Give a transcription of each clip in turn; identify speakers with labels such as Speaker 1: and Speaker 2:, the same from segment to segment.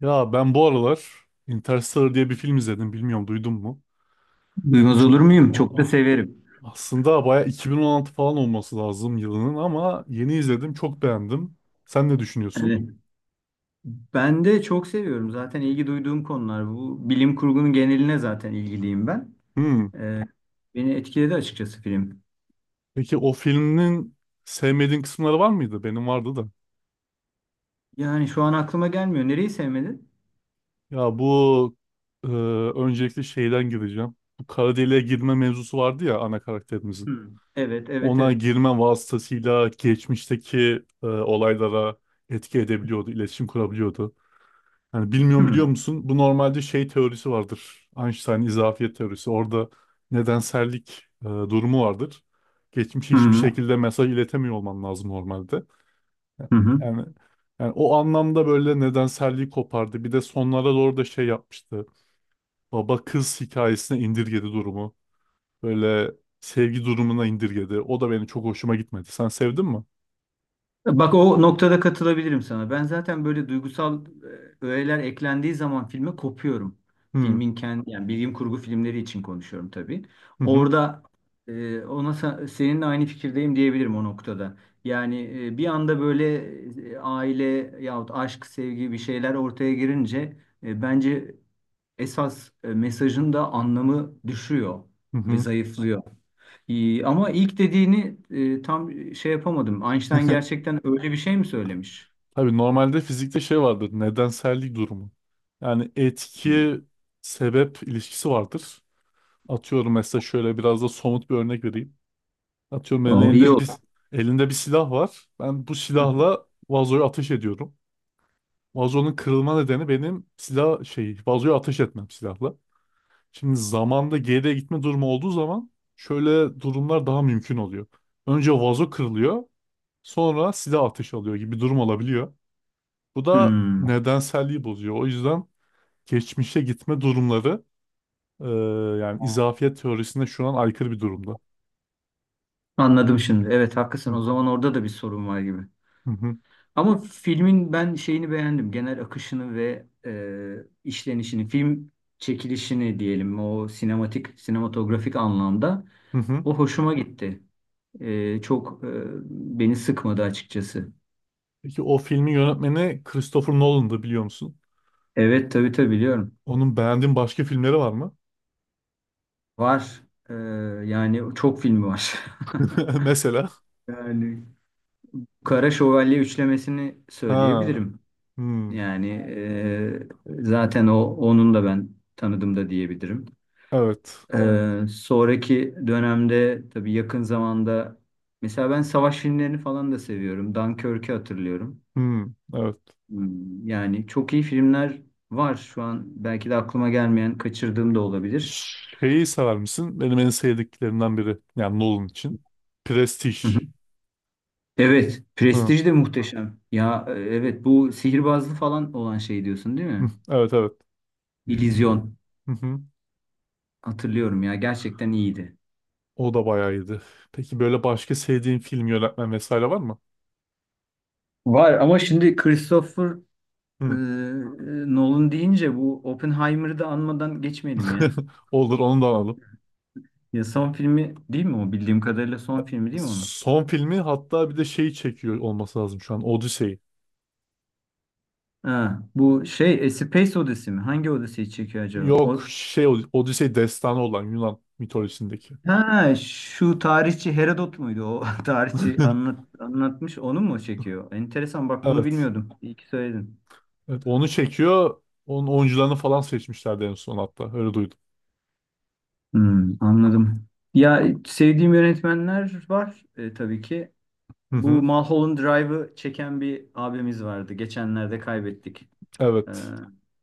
Speaker 1: Ya ben bu aralar Interstellar diye bir film izledim. Bilmiyorum duydun mu?
Speaker 2: Duymaz
Speaker 1: Hiç,
Speaker 2: olur muyum? Çok
Speaker 1: a-
Speaker 2: da
Speaker 1: a-
Speaker 2: severim.
Speaker 1: Aslında baya 2016 falan olması lazım yılının ama yeni izledim. Çok beğendim. Sen ne düşünüyorsun?
Speaker 2: Evet. Ben de çok seviyorum. Zaten ilgi duyduğum konular bu. Bilim kurgunun geneline zaten ilgiliyim ben.
Speaker 1: Hmm.
Speaker 2: Ee, beni etkiledi açıkçası film.
Speaker 1: Peki o filmin sevmediğin kısımları var mıydı? Benim vardı da.
Speaker 2: Yani şu an aklıma gelmiyor. Nereyi sevmedin?
Speaker 1: Ya bu e, öncelikle şeyden gireceğim. Bu kara deliğe girme mevzusu vardı ya ana karakterimizin.
Speaker 2: Hmm. Evet, evet,
Speaker 1: Ona
Speaker 2: evet.
Speaker 1: girme vasıtasıyla geçmişteki olaylara etki edebiliyordu, iletişim kurabiliyordu. Hani bilmiyorum
Speaker 2: Hmm.
Speaker 1: biliyor musun? Bu normalde şey teorisi vardır. Einstein izafiyet teorisi. Orada nedensellik durumu vardır. Geçmişe
Speaker 2: Hı
Speaker 1: hiçbir
Speaker 2: hı.
Speaker 1: şekilde mesaj iletemiyor olman lazım normalde.
Speaker 2: Hı hı.
Speaker 1: Yani, yani, o anlamda böyle nedenselliği kopardı. Bir de sonlara doğru da şey yapmıştı. Baba kız hikayesine indirgedi durumu. Böyle sevgi durumuna indirgedi. O da benim çok hoşuma gitmedi. Sen sevdin mi?
Speaker 2: Bak o noktada katılabilirim sana. Ben zaten böyle duygusal öğeler eklendiği zaman filme kopuyorum.
Speaker 1: Hmm.
Speaker 2: Filmin kendi yani bilim kurgu filmleri için konuşuyorum tabii.
Speaker 1: Hı hı
Speaker 2: Orada ona seninle aynı fikirdeyim diyebilirim o noktada. Yani bir anda böyle aile yahut aşk, sevgi bir şeyler ortaya girince bence esas mesajın da anlamı düşüyor
Speaker 1: hı.
Speaker 2: ve
Speaker 1: Hı.
Speaker 2: zayıflıyor. İyi, ama ilk dediğini tam şey yapamadım. Einstein gerçekten öyle bir şey mi söylemiş?
Speaker 1: Tabii normalde fizikte şey vardır. Nedensellik durumu. Yani
Speaker 2: Hmm.
Speaker 1: etki sebep ilişkisi vardır. Atıyorum mesela şöyle biraz da somut bir örnek vereyim. Atıyorum benim
Speaker 2: O iyi
Speaker 1: elimde bir
Speaker 2: oldu.
Speaker 1: elinde bir silah var. Ben bu silahla vazoya ateş ediyorum. Vazonun kırılma nedeni benim silah şey vazoya ateş etmem silahla. Şimdi zamanda geriye gitme durumu olduğu zaman şöyle durumlar daha mümkün oluyor. Önce vazo kırılıyor, sonra silah ateş alıyor gibi bir durum olabiliyor. Bu da
Speaker 2: Hmm,
Speaker 1: nedenselliği bozuyor. O yüzden geçmişe gitme durumları e, yani izafiyet teorisine şu an aykırı bir durumda.
Speaker 2: anladım şimdi. Evet haklısın.
Speaker 1: Hı,
Speaker 2: O zaman orada da bir sorun var gibi.
Speaker 1: hı, hı,
Speaker 2: Ama filmin ben şeyini beğendim. Genel akışını ve işlenişini, film çekilişini diyelim. O sinematik, sinematografik anlamda.
Speaker 1: hı. Hı.
Speaker 2: O hoşuma gitti. Çok beni sıkmadı açıkçası.
Speaker 1: Peki o filmin yönetmeni Christopher Nolan'dı biliyor musun?
Speaker 2: Evet tabii tabii biliyorum.
Speaker 1: Onun beğendiğin başka filmleri var mı?
Speaker 2: Var. Ee, yani çok filmi var.
Speaker 1: Mesela.
Speaker 2: Yani Kara Şövalye üçlemesini
Speaker 1: Ha.
Speaker 2: söyleyebilirim.
Speaker 1: Hmm,
Speaker 2: Yani zaten o onun da ben tanıdım da diyebilirim.
Speaker 1: evet.
Speaker 2: Evet. Sonraki dönemde tabii yakın zamanda mesela ben savaş filmlerini falan da seviyorum. Dunkirk'ü hatırlıyorum.
Speaker 1: Hmm, evet.
Speaker 2: Yani çok iyi filmler var şu an belki de aklıma gelmeyen kaçırdığım da olabilir.
Speaker 1: Şeyi sever misin? Benim en sevdiklerimden biri. Yani Nolan için. Prestige.
Speaker 2: Evet,
Speaker 1: Hı,
Speaker 2: prestij de muhteşem. Ya evet bu sihirbazlı falan olan şey diyorsun değil
Speaker 1: hı,
Speaker 2: mi?
Speaker 1: evet, evet.
Speaker 2: İllüzyon.
Speaker 1: Hı hı.
Speaker 2: Hatırlıyorum ya gerçekten iyiydi.
Speaker 1: O da bayağı iyiydi. Peki böyle başka sevdiğin film yönetmen vesaire var mı?
Speaker 2: Var ama şimdi Christopher e,
Speaker 1: Hı.
Speaker 2: e, Nolan deyince bu Oppenheimer'ı da anmadan geçmeyelim ya.
Speaker 1: Olur onu da alalım.
Speaker 2: Ya son filmi değil mi o? Bildiğim kadarıyla son filmi değil mi onun?
Speaker 1: Son filmi hatta bir de şeyi çekiyor olması lazım şu an. Odyssey'i.
Speaker 2: Ha, bu şey E Space Odyssey mi? Hangi Odyssey'i çekiyor acaba?
Speaker 1: Yok
Speaker 2: O.
Speaker 1: şey Odyssey destanı olan Yunan mitolojisindeki.
Speaker 2: Ha, şu tarihçi Herodot muydu? O tarihçi anlatmış onu mu çekiyor? Enteresan bak bunu
Speaker 1: Evet.
Speaker 2: bilmiyordum. İyi ki söyledin.
Speaker 1: Evet onu çekiyor. Onun oyuncularını falan seçmişlerdi en son hatta. Öyle duydum.
Speaker 2: Anladım. Ya sevdiğim yönetmenler var tabii ki.
Speaker 1: Hı
Speaker 2: Bu
Speaker 1: hı.
Speaker 2: Mulholland Drive'ı çeken bir abimiz vardı. Geçenlerde kaybettik. Ee,
Speaker 1: Evet.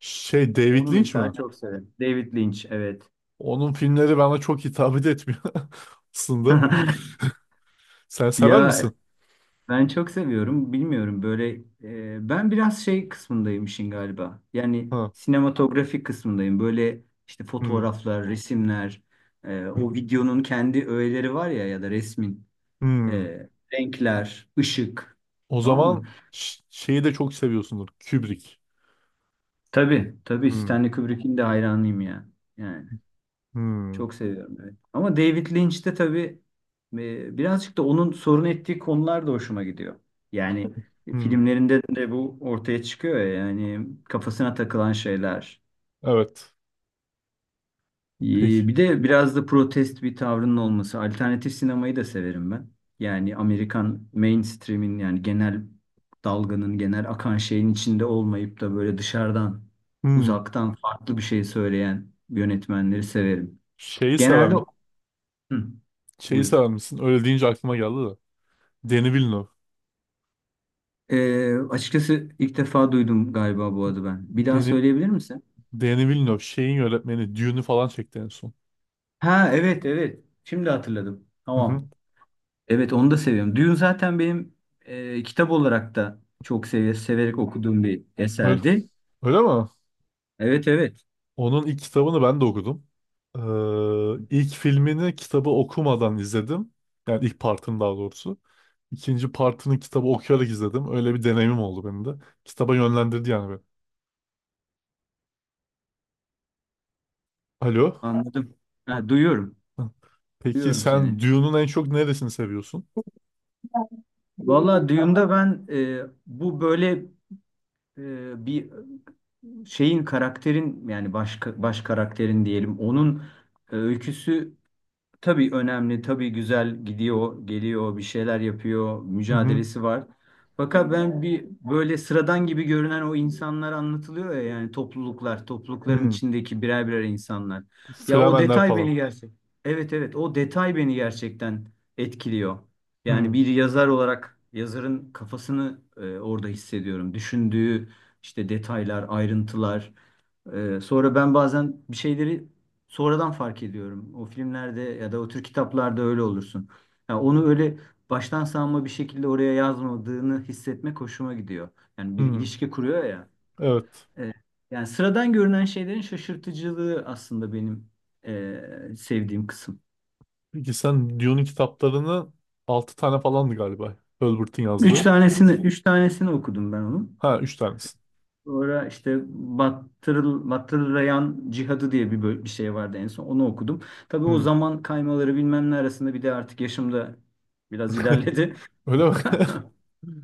Speaker 1: Şey David
Speaker 2: onu
Speaker 1: Lynch
Speaker 2: mesela
Speaker 1: mi?
Speaker 2: çok severim. David Lynch evet.
Speaker 1: Onun filmleri bana çok hitap etmiyor aslında. Sen sever
Speaker 2: Ya
Speaker 1: misin?
Speaker 2: ben çok seviyorum. Bilmiyorum böyle ben biraz şey kısmındayım işin galiba. Yani
Speaker 1: Ha.
Speaker 2: sinematografi kısmındayım. Böyle işte
Speaker 1: Hı.
Speaker 2: fotoğraflar, resimler, o videonun kendi öğeleri var ya ya da resmin
Speaker 1: Hı.
Speaker 2: renkler, ışık.
Speaker 1: O
Speaker 2: Tamam mı?
Speaker 1: zaman şeyi de çok seviyorsundur. Kubrick.
Speaker 2: Tabii, tabii
Speaker 1: Hmm,
Speaker 2: Stanley Kubrick'in de hayranıyım ya. Yani.
Speaker 1: hmm,
Speaker 2: Çok seviyorum evet. Ama David Lynch de tabii birazcık da onun sorun ettiği konular da hoşuma gidiyor. Yani
Speaker 1: hmm.
Speaker 2: filmlerinde de bu ortaya çıkıyor ya, yani kafasına takılan şeyler.
Speaker 1: Evet. Peki.
Speaker 2: E, Bir de biraz da protest bir tavrının olması. Alternatif sinemayı da severim ben. Yani Amerikan mainstream'in yani genel dalganın genel akan şeyin içinde olmayıp da böyle dışarıdan
Speaker 1: Hmm.
Speaker 2: uzaktan farklı bir şey söyleyen yönetmenleri severim.
Speaker 1: Şeyi
Speaker 2: Genelde.
Speaker 1: seven,
Speaker 2: Hı,
Speaker 1: Şeyi
Speaker 2: buyur.
Speaker 1: seven misin? Öyle deyince aklıma geldi de. Denis Villeneuve.
Speaker 2: Açıkçası ilk defa duydum galiba bu adı ben. Bir daha
Speaker 1: Deni,
Speaker 2: söyleyebilir misin?
Speaker 1: Denis Villeneuve şeyin yönetmeni Dune'u falan çekti en son.
Speaker 2: Ha evet evet. Şimdi hatırladım.
Speaker 1: Hı hı.
Speaker 2: Tamam. Evet onu da seviyorum. Dune zaten benim kitap olarak da çok severek okuduğum bir
Speaker 1: Öyle,
Speaker 2: eserdi.
Speaker 1: öyle mi?
Speaker 2: Evet evet
Speaker 1: Onun ilk kitabını ben de okudum. İlk filmini kitabı okumadan izledim. Yani ilk partını daha doğrusu. İkinci partını kitabı okuyarak izledim. Öyle bir deneyimim oldu benim de. Kitaba yönlendirdi yani. Alo.
Speaker 2: anladım.
Speaker 1: Hı,
Speaker 2: Ha, duyuyorum.
Speaker 1: hı. Peki
Speaker 2: Duyuyorum
Speaker 1: sen
Speaker 2: seni.
Speaker 1: Dune'un en çok neresini seviyorsun?
Speaker 2: Vallahi Dune'da ben bu böyle bir şeyin karakterin yani baş karakterin diyelim onun öyküsü. Tabii önemli, tabii güzel gidiyor, geliyor, bir şeyler yapıyor,
Speaker 1: Hı hı.
Speaker 2: mücadelesi var. Fakat ben bir böyle sıradan gibi görünen o insanlar anlatılıyor ya yani topluluklar, toplulukların
Speaker 1: Hı.
Speaker 2: içindeki birer birer insanlar. Ya o
Speaker 1: Fremenler
Speaker 2: detay
Speaker 1: falan.
Speaker 2: beni gerçek. Evet evet o detay beni gerçekten etkiliyor. Yani
Speaker 1: Hı.
Speaker 2: bir yazar olarak yazarın kafasını orada hissediyorum. Düşündüğü işte detaylar, ayrıntılar. Sonra ben bazen bir şeyleri sonradan fark ediyorum. O filmlerde ya da o tür kitaplarda öyle olursun. Ya onu öyle baştan savma bir şekilde oraya yazmadığını hissetmek hoşuma gidiyor. Yani bir
Speaker 1: Hı.
Speaker 2: ilişki kuruyor ya.
Speaker 1: Evet.
Speaker 2: Ee, yani sıradan görünen şeylerin şaşırtıcılığı aslında benim sevdiğim kısım.
Speaker 1: Peki sen Dune'un kitaplarını 6 tane falandı galiba. Herbert'in
Speaker 2: Üç. Evet,
Speaker 1: yazdığı.
Speaker 2: üç tanesini okudum ben onun.
Speaker 1: Ha 3 tanesi.
Speaker 2: Sonra işte Battırlayan Cihadı diye bir şey vardı en son. Onu okudum. Tabii o
Speaker 1: Hı.
Speaker 2: zaman kaymaları bilmem ne arasında bir de artık yaşım da biraz ilerledi.
Speaker 1: Öyle mi?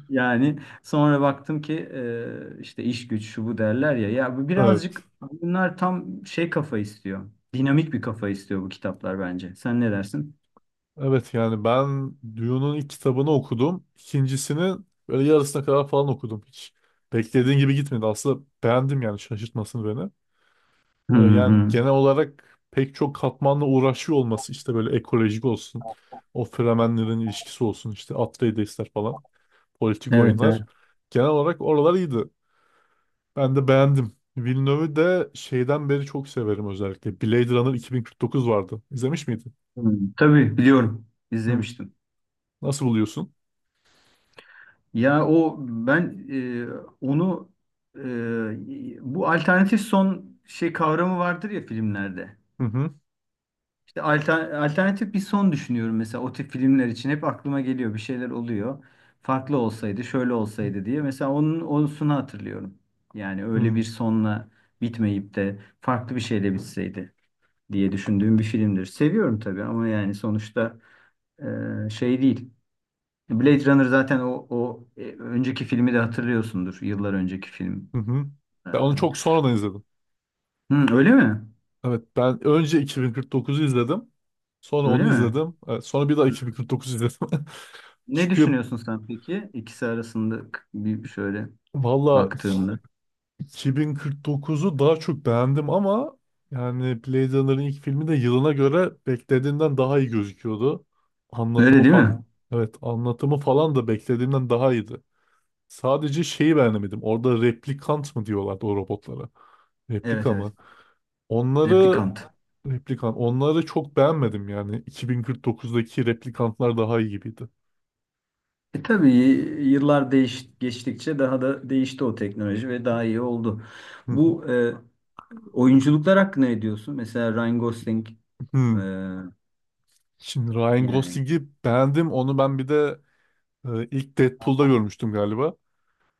Speaker 2: Yani sonra baktım ki işte iş güç şu bu derler ya. Ya bu
Speaker 1: Evet.
Speaker 2: birazcık bunlar tam şey kafa istiyor. Dinamik bir kafa istiyor bu kitaplar bence. Sen ne dersin?
Speaker 1: Evet yani ben Dune'un ilk kitabını okudum. İkincisini böyle yarısına kadar falan okudum. Hiç beklediğin gibi gitmedi. Aslında beğendim yani şaşırtmasını beni.
Speaker 2: Hı
Speaker 1: Yani
Speaker 2: hı.
Speaker 1: genel olarak pek çok katmanla uğraşıyor olması işte böyle ekolojik olsun, o Fremenlerin ilişkisi olsun, işte Atreides'ler falan, politik
Speaker 2: Evet, evet.
Speaker 1: oyunlar. Genel olarak oralar iyiydi. Ben de beğendim. Villeneuve'ü de şeyden beri çok severim özellikle. Blade Runner 2049 vardı. İzlemiş miydin?
Speaker 2: Hı. Tabii biliyorum.
Speaker 1: Hı.
Speaker 2: İzlemiştim.
Speaker 1: Nasıl buluyorsun?
Speaker 2: Ya o ben onu bu alternatif son şey kavramı vardır ya filmlerde.
Speaker 1: Hı hı.
Speaker 2: İşte alternatif bir son düşünüyorum mesela o tip filmler için hep aklıma geliyor bir şeyler oluyor. Farklı olsaydı, şöyle olsaydı diye. Mesela onun onusunu hatırlıyorum. Yani
Speaker 1: Hı
Speaker 2: öyle
Speaker 1: hı.
Speaker 2: bir sonla bitmeyip de farklı bir şeyle bitseydi diye düşündüğüm bir filmdir. Seviyorum tabii ama yani sonuçta şey değil. Blade Runner zaten o önceki filmi de hatırlıyorsundur. Yıllar önceki film.
Speaker 1: Hı.
Speaker 2: Ee,
Speaker 1: Ben onu çok sonradan izledim.
Speaker 2: Hı, öyle mi?
Speaker 1: Evet, ben önce 2049'u izledim. Sonra
Speaker 2: Öyle
Speaker 1: onu
Speaker 2: mi?
Speaker 1: izledim. Evet, sonra bir daha
Speaker 2: Hı.
Speaker 1: 2049 izledim.
Speaker 2: Ne
Speaker 1: Çünkü
Speaker 2: düşünüyorsun sen peki? İkisi arasında bir şöyle
Speaker 1: Valla
Speaker 2: baktığında.
Speaker 1: 2049'u daha çok beğendim ama yani Blade Runner'ın ilk filmi de yılına göre beklediğimden daha iyi gözüküyordu. Anlatımı
Speaker 2: Öyle değil
Speaker 1: falan.
Speaker 2: mi?
Speaker 1: Evet, anlatımı falan da beklediğimden daha iyiydi. Sadece şeyi beğenemedim. Orada replikant mı diyorlardı o robotlara?
Speaker 2: Evet
Speaker 1: Replika mı?
Speaker 2: evet.
Speaker 1: Onları
Speaker 2: Replikant.
Speaker 1: replikan onları çok beğenmedim yani. 2049'daki replikantlar daha iyi gibiydi.
Speaker 2: Tabii yıllar geçtikçe daha da değişti o teknoloji ve daha iyi oldu.
Speaker 1: Hı.
Speaker 2: Bu oyunculuklar hakkında ne diyorsun? Mesela Ryan Gosling e,
Speaker 1: Hmm. Şimdi Ryan
Speaker 2: yani.
Speaker 1: Gosling'i beğendim. Onu ben bir de İlk Deadpool'da görmüştüm galiba.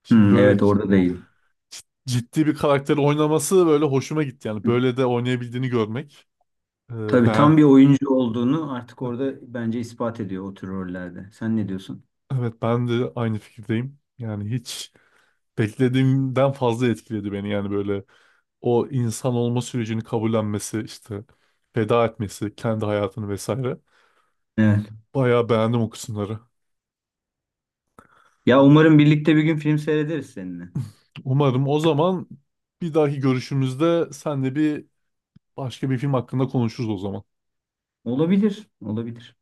Speaker 1: Şimdi
Speaker 2: Hı,
Speaker 1: böyle
Speaker 2: evet orada değil.
Speaker 1: ciddi bir karakteri oynaması böyle hoşuma gitti. Yani böyle de oynayabildiğini görmek.
Speaker 2: Tabii tam
Speaker 1: Ben
Speaker 2: bir oyuncu olduğunu artık orada bence ispat ediyor o tür rollerde. Sen ne diyorsun?
Speaker 1: Evet, ben de aynı fikirdeyim. Yani hiç beklediğimden fazla etkiledi beni. Yani böyle o insan olma sürecini kabullenmesi, işte feda etmesi, kendi hayatını vesaire.
Speaker 2: Evet.
Speaker 1: Bayağı beğendim o kısımları.
Speaker 2: Ya umarım birlikte bir gün film seyrederiz seninle.
Speaker 1: Umarım o zaman bir dahaki görüşümüzde senle bir başka bir film hakkında konuşuruz o zaman.
Speaker 2: Olabilir, olabilir.